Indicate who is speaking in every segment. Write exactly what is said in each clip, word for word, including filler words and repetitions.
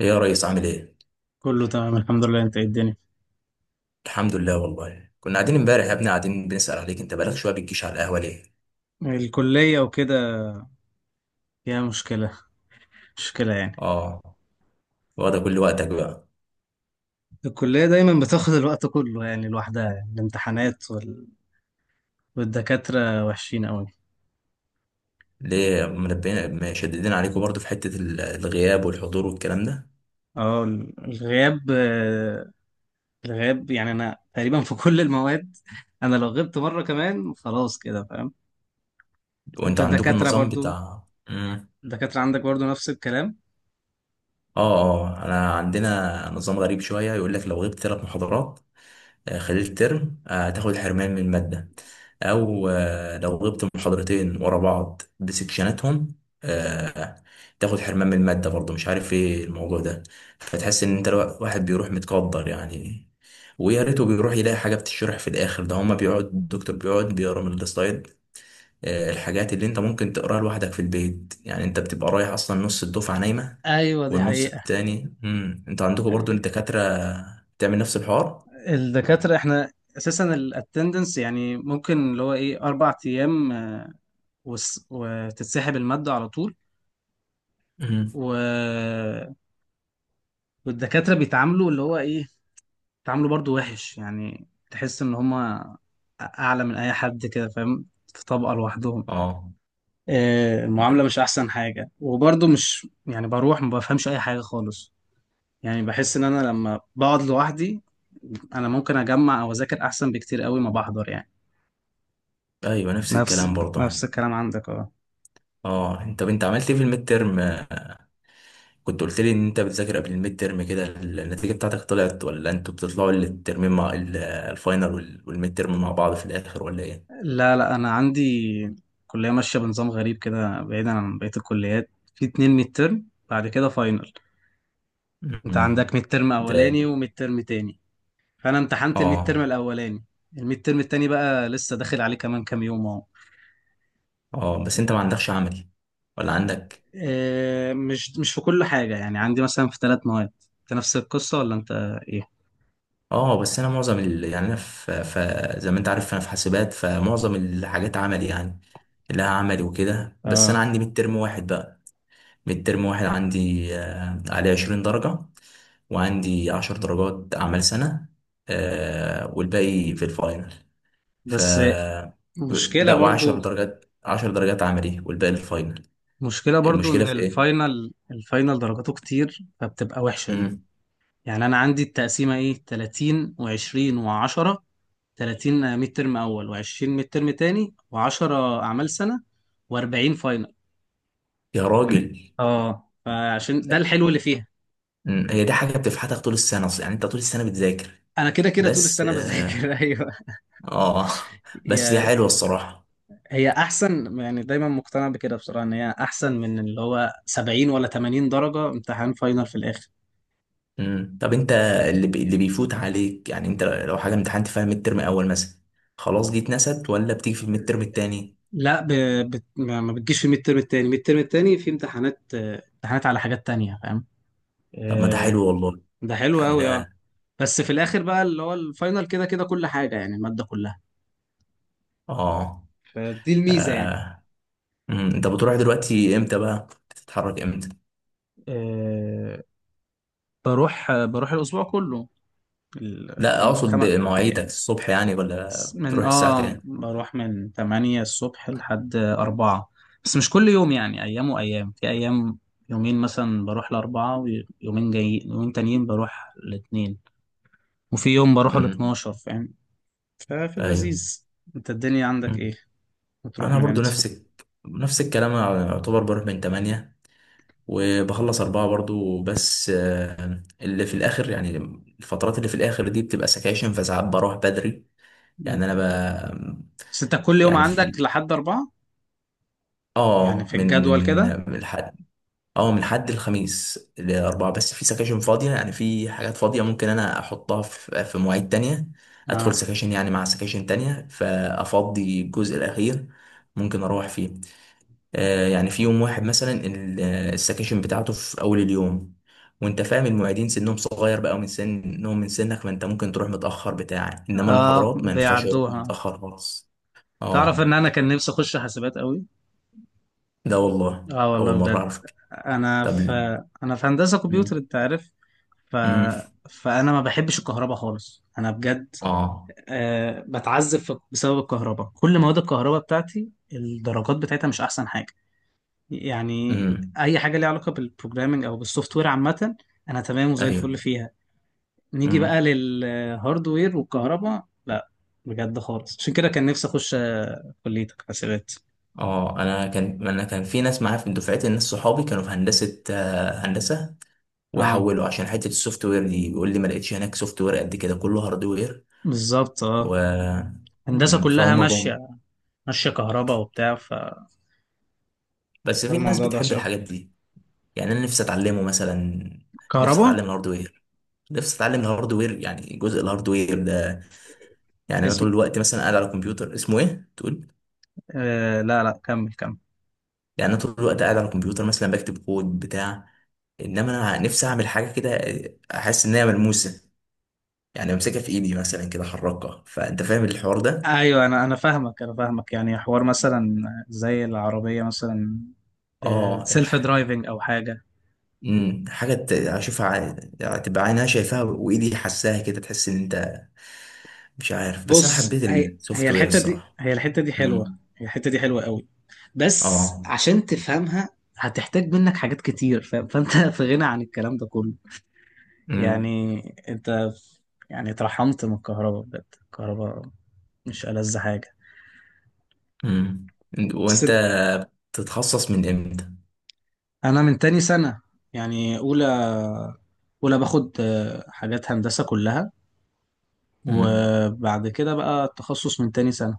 Speaker 1: ايه يا ريس عامل ايه؟
Speaker 2: كله تمام، الحمد لله. انت ايه الدنيا؟
Speaker 1: الحمد لله والله كنا قاعدين امبارح يا ابني قاعدين بنسأل عليك. انت بقالك شويه بتجيش على القهوه ليه؟
Speaker 2: الكلية وكده فيها مشكلة، مشكلة يعني.
Speaker 1: اه. واخده كل وقتك بقى.
Speaker 2: الكلية دايما بتاخد الوقت كله يعني لوحدها، يعني الامتحانات وال... والدكاترة وحشين قوي.
Speaker 1: ليه منبهين مشددين عليكم برضو في حته ال- الغياب والحضور والكلام ده؟
Speaker 2: اه، ال- الغياب، آه، الغياب يعني انا تقريبا في كل المواد انا لو غبت مرة كمان خلاص، كده فاهم. انت
Speaker 1: وانت عندكم
Speaker 2: الدكاترة
Speaker 1: النظام
Speaker 2: برضو
Speaker 1: بتاع. مم.
Speaker 2: الدكاترة عندك برضو نفس الكلام؟
Speaker 1: اه، اه، انا عندنا نظام غريب شويه، يقول لك لو غبت ثلاث محاضرات آه، خلال الترم آه، هتاخد حرمان من المادة، أو آه، لو غبت محاضرتين ورا بعض بسكشناتهم، آه، تاخد حرمان من المادة برضه. مش عارف ايه الموضوع ده. فتحس ان انت الوا- واحد بيروح متقدر يعني، ويا ريته بيروح يلاقي حاجة بتشرح. في الآخر ده هما بيقعد الدكتور بيقعد بيقرا من السلايد، آه، الحاجات اللي انت ممكن تقراها لوحدك في البيت يعني. انت بتبقى رايح اصلا نص الدفعة نايمة
Speaker 2: ايوه، دي
Speaker 1: والنص
Speaker 2: حقيقة.
Speaker 1: التاني مم. انتوا عندكم برضو الدكاترة بتعمل نفس الحوار؟
Speaker 2: الدكاترة احنا اساسا الاتندنس يعني ممكن اللي هو ايه اربع ايام، آه، وس- وتتسحب المادة على طول. و... والدكاترة بيتعاملوا اللي هو ايه، بيتعاملوا برضو وحش. يعني تحس ان هما اعلى من اي حد، كده فاهم. في طبقة لوحدهم.
Speaker 1: اه.
Speaker 2: آه، المعاملة مش احسن حاجة، وبرضو مش يعني بروح ما بفهمش اي حاجة خالص. يعني بحس ان انا لما بقعد لوحدي، انا ممكن اجمع او اذاكر احسن بكتير قوي ما بحضر يعني.
Speaker 1: ايوه، نفس
Speaker 2: نفس
Speaker 1: الكلام برضه
Speaker 2: نفس
Speaker 1: عن.
Speaker 2: الكلام عندك، اه.
Speaker 1: اه، انت طب انت عملت ايه في الميد ترم؟ كنت قلت لي ان انت بتذاكر قبل الميد ترم كده. النتيجه بتاعتك طلعت، ولا انتوا بتطلعوا الترمين مع ال- الفاينل وال- والميد ترم مع بعض في الاخر، ولا ايه؟
Speaker 2: لا لا، انا عندي كليه ماشيه بنظام غريب كده بعيدا عن بقيه الكليات. في اتنين ميد ترم بعد كده فاينل. انت
Speaker 1: مم.
Speaker 2: عندك ميد ترم
Speaker 1: ده.
Speaker 2: اولاني وميد ترم تاني. فانا امتحنت الميد
Speaker 1: اه.
Speaker 2: ترم الاولاني. الميد ترم التاني بقى لسه داخل عليه كمان كام يوم اهو.
Speaker 1: اه، بس انت
Speaker 2: ب-
Speaker 1: ما عندكش عملي ولا عندك؟
Speaker 2: آه، مش مش في كل حاجه، يعني عندي مثلا في ثلاث مواد. انت نفس القصه، ولا انت ايه؟
Speaker 1: اه، بس انا معظم ال... يعني انا في... ف... زي ما انت عارف انا في حاسبات، فمعظم الحاجات عملي يعني، لها عملي وكده. بس انا
Speaker 2: اه
Speaker 1: عندي ميد ترم واحد بقى. ميد ترم واحد عندي، آه، عليه عشرين درجة، وعندي عشر درجات أعمال سنة، آه، والباقي في الفاينل. ف.
Speaker 2: بس. مشكله
Speaker 1: لا، وعشر
Speaker 2: برضو
Speaker 1: درجات عشر درجات عملي، والباقي الفاينل.
Speaker 2: مشكله برضو
Speaker 1: المشكلة
Speaker 2: ان
Speaker 1: في إيه؟
Speaker 2: الفاينل الفاينل درجاته كتير، فبتبقى وحشه دي.
Speaker 1: مم.
Speaker 2: يعني انا عندي التقسيمه ايه، ثلاثين و20 و10. ثلاثين ميد ترم اول و20 ميد ترم تاني و10 اعمال سنه و40 فاينل.
Speaker 1: يا
Speaker 2: يعني
Speaker 1: راجل.
Speaker 2: اه، فعشان ده الحلو اللي فيها.
Speaker 1: مم. هي دي حاجة بتفحتك طول السنة أصلا يعني. أنت طول السنة بتذاكر.
Speaker 2: انا كده كده طول
Speaker 1: بس.
Speaker 2: السنه بذاكر
Speaker 1: آه
Speaker 2: ايوه.
Speaker 1: آه، بس هي
Speaker 2: هي
Speaker 1: حلوة الصراحة.
Speaker 2: هي احسن، يعني دايما مقتنع بكده بصراحه ان هي احسن من اللي هو سبعين ولا تمانين درجه امتحان فاينل في الاخر.
Speaker 1: مم. طب انت، اللي بي... اللي بيفوت عليك يعني، انت لو حاجه امتحنت فيها ميد ترم اول مثلا، خلاص دي اتنست، ولا بتيجي في الميد ترم التاني؟
Speaker 2: لا، ب... بت... ما ما بتجيش في الميد ترم التاني. الميد ترم التاني في امتحانات، آه، امتحانات على حاجات تانية، فاهم.
Speaker 1: طب ما ده
Speaker 2: آه،
Speaker 1: حلو والله.
Speaker 2: ده حلو
Speaker 1: يعني
Speaker 2: قوي، اه.
Speaker 1: ده.
Speaker 2: بس في الاخر بقى اللي هو الفاينل كده كده كل حاجه يعني الماده كلها.
Speaker 1: اه.
Speaker 2: فدي الميزه يعني.
Speaker 1: آه. مم. انت بتروح دلوقتي امتى بقى؟ بتتحرك امتى؟
Speaker 2: أه بروح بروح الاسبوع كله.
Speaker 1: لا،
Speaker 2: الخم...
Speaker 1: اقصد
Speaker 2: خم...
Speaker 1: بمواعيدك
Speaker 2: يعني
Speaker 1: الصبح يعني، ولا
Speaker 2: س- من
Speaker 1: بتروح الساعه
Speaker 2: اه
Speaker 1: كام؟
Speaker 2: بروح من تمانية الصبح لحد اربعة. بس مش كل يوم يعني، ايام وايام في ايام. يومين مثلا بروح لأربعة، ويومين جاي يومين تانيين بروح الاثنين. وفي يوم بروح ال
Speaker 1: مم.
Speaker 2: اثنا عشر، فاهم. ففي
Speaker 1: ايوه.
Speaker 2: اللذيذ. انت الدنيا عندك
Speaker 1: مم.
Speaker 2: ايه؟ بتروح
Speaker 1: انا
Speaker 2: من
Speaker 1: برضو
Speaker 2: امتى؟
Speaker 1: نفسك، نفس الكلام. أنا يعتبر بروح من ثمانية وبخلص أربعة برضو، بس اللي في الاخر يعني، الفترات اللي في الاخر دي بتبقى سكاشن، فساعات بروح بدري. يعني انا ب...
Speaker 2: بس انت كل يوم
Speaker 1: يعني
Speaker 2: عندك
Speaker 1: في.
Speaker 2: لحد أربعة؟ يعني
Speaker 1: اه،
Speaker 2: في
Speaker 1: من
Speaker 2: الجدول
Speaker 1: من
Speaker 2: كده.
Speaker 1: من الحد اه من الحد الخميس لاربعه، بس في سكاشن فاضيه يعني، في حاجات فاضيه ممكن انا احطها في في مواعيد تانية، ادخل
Speaker 2: اه
Speaker 1: سكاشن يعني مع سكاشن تانية، فافضي الجزء الاخير، ممكن اروح فيه. آه، يعني في يوم واحد مثلا ال- آه، السكاشن بتاعته في اول اليوم. وانت فاهم المعيدين سنهم صغير بقى، ومن سنهم من سنك، فانت ممكن تروح متاخر بتاع. انما
Speaker 2: اه،
Speaker 1: المحاضرات ما ينفعش يروح
Speaker 2: بيعدوها.
Speaker 1: متاخر خالص.
Speaker 2: تعرف ان
Speaker 1: اه.
Speaker 2: انا كان نفسي اخش حاسبات قوي.
Speaker 1: ده والله
Speaker 2: اه
Speaker 1: اول
Speaker 2: والله
Speaker 1: مره
Speaker 2: بجد.
Speaker 1: اعرف.
Speaker 2: انا
Speaker 1: طب
Speaker 2: في
Speaker 1: ال-
Speaker 2: انا في هندسة كمبيوتر،
Speaker 1: مم.
Speaker 2: انت عارف. ف...
Speaker 1: مم.
Speaker 2: فانا ما بحبش الكهرباء خالص، انا بجد.
Speaker 1: اه.
Speaker 2: آه بتعذب في- بسبب الكهرباء. كل مواد الكهرباء بتاعتي الدرجات بتاعتها مش احسن حاجه يعني.
Speaker 1: امم.
Speaker 2: اي حاجه ليها علاقه بالبروجرامنج او بالسوفت وير عامه انا تمام وزي الفل
Speaker 1: ايوه.
Speaker 2: فيها. نيجي بقى
Speaker 1: امم.
Speaker 2: للهاردوير والكهرباء لا. بجد خالص، عشان كده كان نفسي اخش آه، كليتك حاسبات.
Speaker 1: اه، انا كان انا كان في ناس معايا في دفعتي، ناس صحابي كانوا في هندسه آه، هندسه،
Speaker 2: اه
Speaker 1: ويحولوا عشان حته السوفت وير دي. بيقول لي ما لقيتش هناك سوفت وير قد كده، كله هاردوير.
Speaker 2: بالظبط،
Speaker 1: و.
Speaker 2: اه. هندسه
Speaker 1: مم،
Speaker 2: كلها
Speaker 1: فهم جم.
Speaker 2: ماشيه ماشيه كهرباء وبتاع.
Speaker 1: بس في ناس
Speaker 2: فالموضوع ده
Speaker 1: بتحب
Speaker 2: وحش قوي.
Speaker 1: الحاجات دي. يعني انا نفسي اتعلمه مثلا، نفسي
Speaker 2: كهرباء.
Speaker 1: اتعلم الهاردوير، نفسي اتعلم الهاردوير، يعني جزء الهاردوير ده. يعني انا طول
Speaker 2: اسم
Speaker 1: الوقت مثلا قاعد على الكمبيوتر، اسمه ايه تقول؟
Speaker 2: آه لا لا، كمل كمل.
Speaker 1: يعني انا طول الوقت قاعد على الكمبيوتر مثلا بكتب كود بتاع، انما انا نفسي اعمل حاجه كده، احس ان هي ملموسه، يعني امسكها في ايدي مثلا كده احركها. فانت فاهم الحوار ده؟
Speaker 2: ايوه، انا انا فاهمك انا فاهمك يعني، حوار مثلا زي العربيه مثلا
Speaker 1: اه
Speaker 2: سيلف
Speaker 1: الح-
Speaker 2: درايفنج او حاجه.
Speaker 1: مم، حاجه ت- اشوفها، ع- تبقى عينها شايفاها وايدي حاساها كده. تحس ان انت، مش عارف، بس انا
Speaker 2: بص،
Speaker 1: حبيت
Speaker 2: هي هي
Speaker 1: السوفت وير
Speaker 2: الحته دي،
Speaker 1: الصراحه.
Speaker 2: هي الحته دي حلوه،
Speaker 1: امم.
Speaker 2: هي الحته دي حلوه قوي. بس
Speaker 1: اه.
Speaker 2: عشان تفهمها هتحتاج منك حاجات كتير، ف... فانت في غنى عن الكلام ده كله.
Speaker 1: امم.
Speaker 2: يعني انت، يعني اترحمت من الكهرباء بجد. الكهرباء مش ألذ حاجه.
Speaker 1: امم. وانت
Speaker 2: بس
Speaker 1: تتخصص من امتى؟
Speaker 2: انا من تاني سنه، يعني اولى اولى باخد آه، حاجات هندسه كلها.
Speaker 1: امم.
Speaker 2: وبعد كده بقى التخصص من تاني سنه.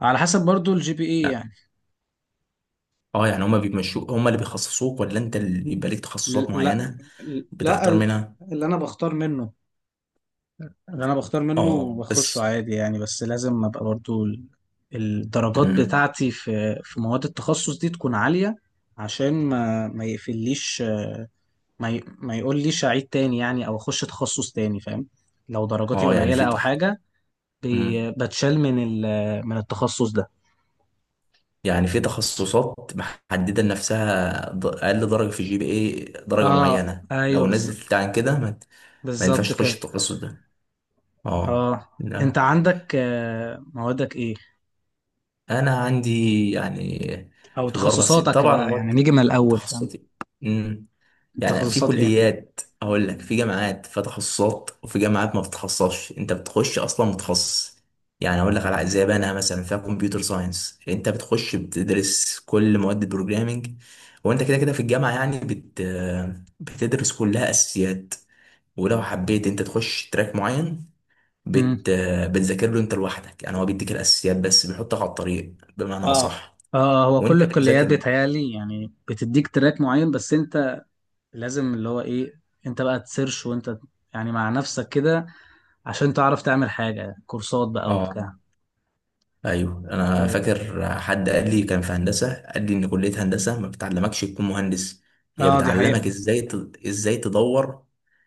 Speaker 2: على حسب برضو الجي بي اي
Speaker 1: لا.
Speaker 2: يعني.
Speaker 1: اه، يعني هما بيمشوك، هما اللي بيخصصوك، ولا انت اللي يبقى ليك
Speaker 2: ل-
Speaker 1: تخصصات
Speaker 2: لا
Speaker 1: معينه
Speaker 2: لا،
Speaker 1: بتختار
Speaker 2: ال-
Speaker 1: منها؟
Speaker 2: اللي انا بختار منه اللي انا بختار منه
Speaker 1: اه.
Speaker 2: وبخشه
Speaker 1: بس.
Speaker 2: عادي، يعني بس لازم ابقى برضو ال- الدرجات
Speaker 1: امم.
Speaker 2: بتاعتي في في مواد التخصص دي تكون عالية. عشان ما ما يقفليش، آه، ما ي... ما يقوليش اعيد تاني، يعني او اخش تخصص تاني، فاهم. لو درجاتي
Speaker 1: اه، يعني
Speaker 2: قليلة
Speaker 1: في
Speaker 2: او
Speaker 1: تخ...
Speaker 2: حاجة بي...
Speaker 1: امم،
Speaker 2: بتشال من ال... من التخصص ده.
Speaker 1: يعني في تخصصات محدده لنفسها، ض- اقل درجه في الجي بي اي درجه
Speaker 2: اه
Speaker 1: معينه،
Speaker 2: ايوه،
Speaker 1: لو
Speaker 2: بز...
Speaker 1: نزلت عن كده، ما, ما ينفعش
Speaker 2: بالظبط
Speaker 1: تخش
Speaker 2: كده.
Speaker 1: التخصص ده. اه.
Speaker 2: اه انت
Speaker 1: لا.
Speaker 2: عندك، آه، موادك ايه
Speaker 1: انا عندي يعني،
Speaker 2: او
Speaker 1: في الاربع سنين
Speaker 2: تخصصاتك
Speaker 1: طبعا
Speaker 2: بقى يعني،
Speaker 1: مواد
Speaker 2: نيجي من الاول، فاهم.
Speaker 1: تخصصي. امم. يعني في
Speaker 2: تخصصات
Speaker 1: كليات، اقول لك، في جامعات فيها تخصصات، وفي جامعات ما بتتخصصش، انت بتخش اصلا متخصص. يعني اقول لك على زي بقى مثلا فيها كمبيوتر ساينس، انت بتخش بتدرس كل مواد البروجرامينج، وانت كده كده في الجامعه يعني بت بتدرس كلها اساسيات. ولو حبيت انت تخش تراك معين،
Speaker 2: ايه؟
Speaker 1: بت... بتذاكر له انت لوحدك. يعني هو بيديك الاساسيات بس، بيحطك على الطريق بمعنى
Speaker 2: اه
Speaker 1: اصح،
Speaker 2: اه، هو كل
Speaker 1: وانت
Speaker 2: الكليات
Speaker 1: بتذاكر له.
Speaker 2: بيتهيألي يعني بتديك تراك معين. بس انت لازم اللي هو ايه، انت بقى تسيرش وانت يعني مع نفسك كده عشان تعرف تعمل حاجة كورسات بقى وبتاع.
Speaker 1: اه. ايوه، انا
Speaker 2: إيه،
Speaker 1: فاكر حد قال لي، كان في هندسه، قال لي ان كليه هندسه ما بتعلمكش تكون مهندس، هي
Speaker 2: اه، دي حقيقة.
Speaker 1: بتعلمك ازاي ت... ازاي تدور،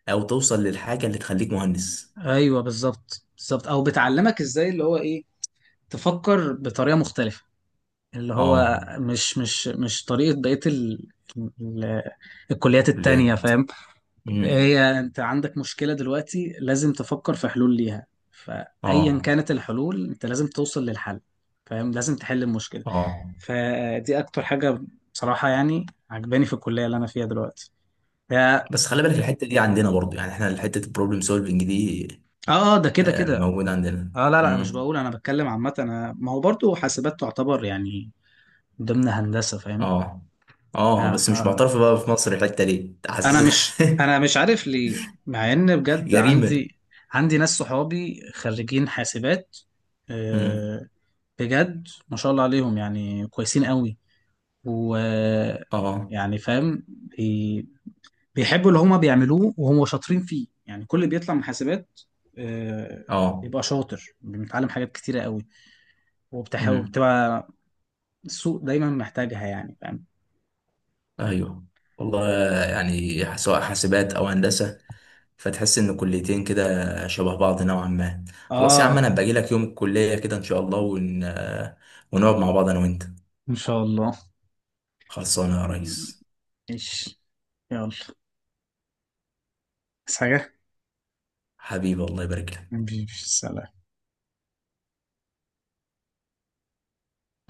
Speaker 1: او توصل للحاجه اللي تخليك مهندس.
Speaker 2: ايوه بالظبط بالظبط، او بتعلمك ازاي اللي هو ايه، تفكر بطريقة مختلفة، اللي هو
Speaker 1: اه.
Speaker 2: مش مش مش طريقة بقية ال... ال... الكليات التانية،
Speaker 1: كليات.
Speaker 2: فاهم.
Speaker 1: امم.
Speaker 2: هي انت عندك مشكلة دلوقتي لازم تفكر في حلول ليها، فأيا
Speaker 1: اه،
Speaker 2: كانت الحلول انت لازم توصل للحل، فاهم. لازم تحل المشكلة.
Speaker 1: اه،
Speaker 2: فدي اكتر حاجة بصراحة، يعني عجباني في الكلية اللي انا فيها دلوقتي. يا-
Speaker 1: بس خلي بالك الحته دي عندنا برضو يعني، احنا حته البروبلم سولفنج دي
Speaker 2: اه اه، ده كده
Speaker 1: آه،
Speaker 2: كده.
Speaker 1: موجوده عندنا.
Speaker 2: اه لا لا، مش
Speaker 1: امم.
Speaker 2: بقول، انا بتكلم عامة. انا ما هو برضو حاسبات تعتبر يعني ضمن هندسة، فاهم.
Speaker 1: اه، اه،
Speaker 2: آه
Speaker 1: بس
Speaker 2: آه.
Speaker 1: مش
Speaker 2: آه.
Speaker 1: معترف بقى في مصر الحته دي،
Speaker 2: انا
Speaker 1: حاسس
Speaker 2: مش انا مش عارف ليه، مع ان بجد
Speaker 1: جريمه.
Speaker 2: عندي، عندي ناس صحابي خريجين حاسبات،
Speaker 1: امم.
Speaker 2: آه، بجد ما شاء الله عليهم، يعني كويسين قوي. و
Speaker 1: اه.
Speaker 2: يعني فاهم، بي... بيحبوا اللي هما بيعملوه وهم شاطرين فيه، يعني كل اللي بيطلع من حاسبات آه،
Speaker 1: اه.
Speaker 2: بيبقى شاطر، بيتعلم حاجات كتيرة قوي. وبتح...
Speaker 1: امم.
Speaker 2: وبتبقى السوق دايما محتاجها، يعني فاهم.
Speaker 1: ايوه. والله، يعني سواء حاسبات او هندسه، فتحس ان كليتين كده شبه بعض نوعا ما. خلاص يا عم،
Speaker 2: اه
Speaker 1: انا باجي لك يوم الكليه كده ان شاء الله، ون... ونقعد مع بعض انا وانت.
Speaker 2: ان شاء الله،
Speaker 1: خلصانه يا ريس.
Speaker 2: ماشي، يلا، بس حاجة،
Speaker 1: حبيبي، الله يبارك لك.
Speaker 2: مفيش سلام.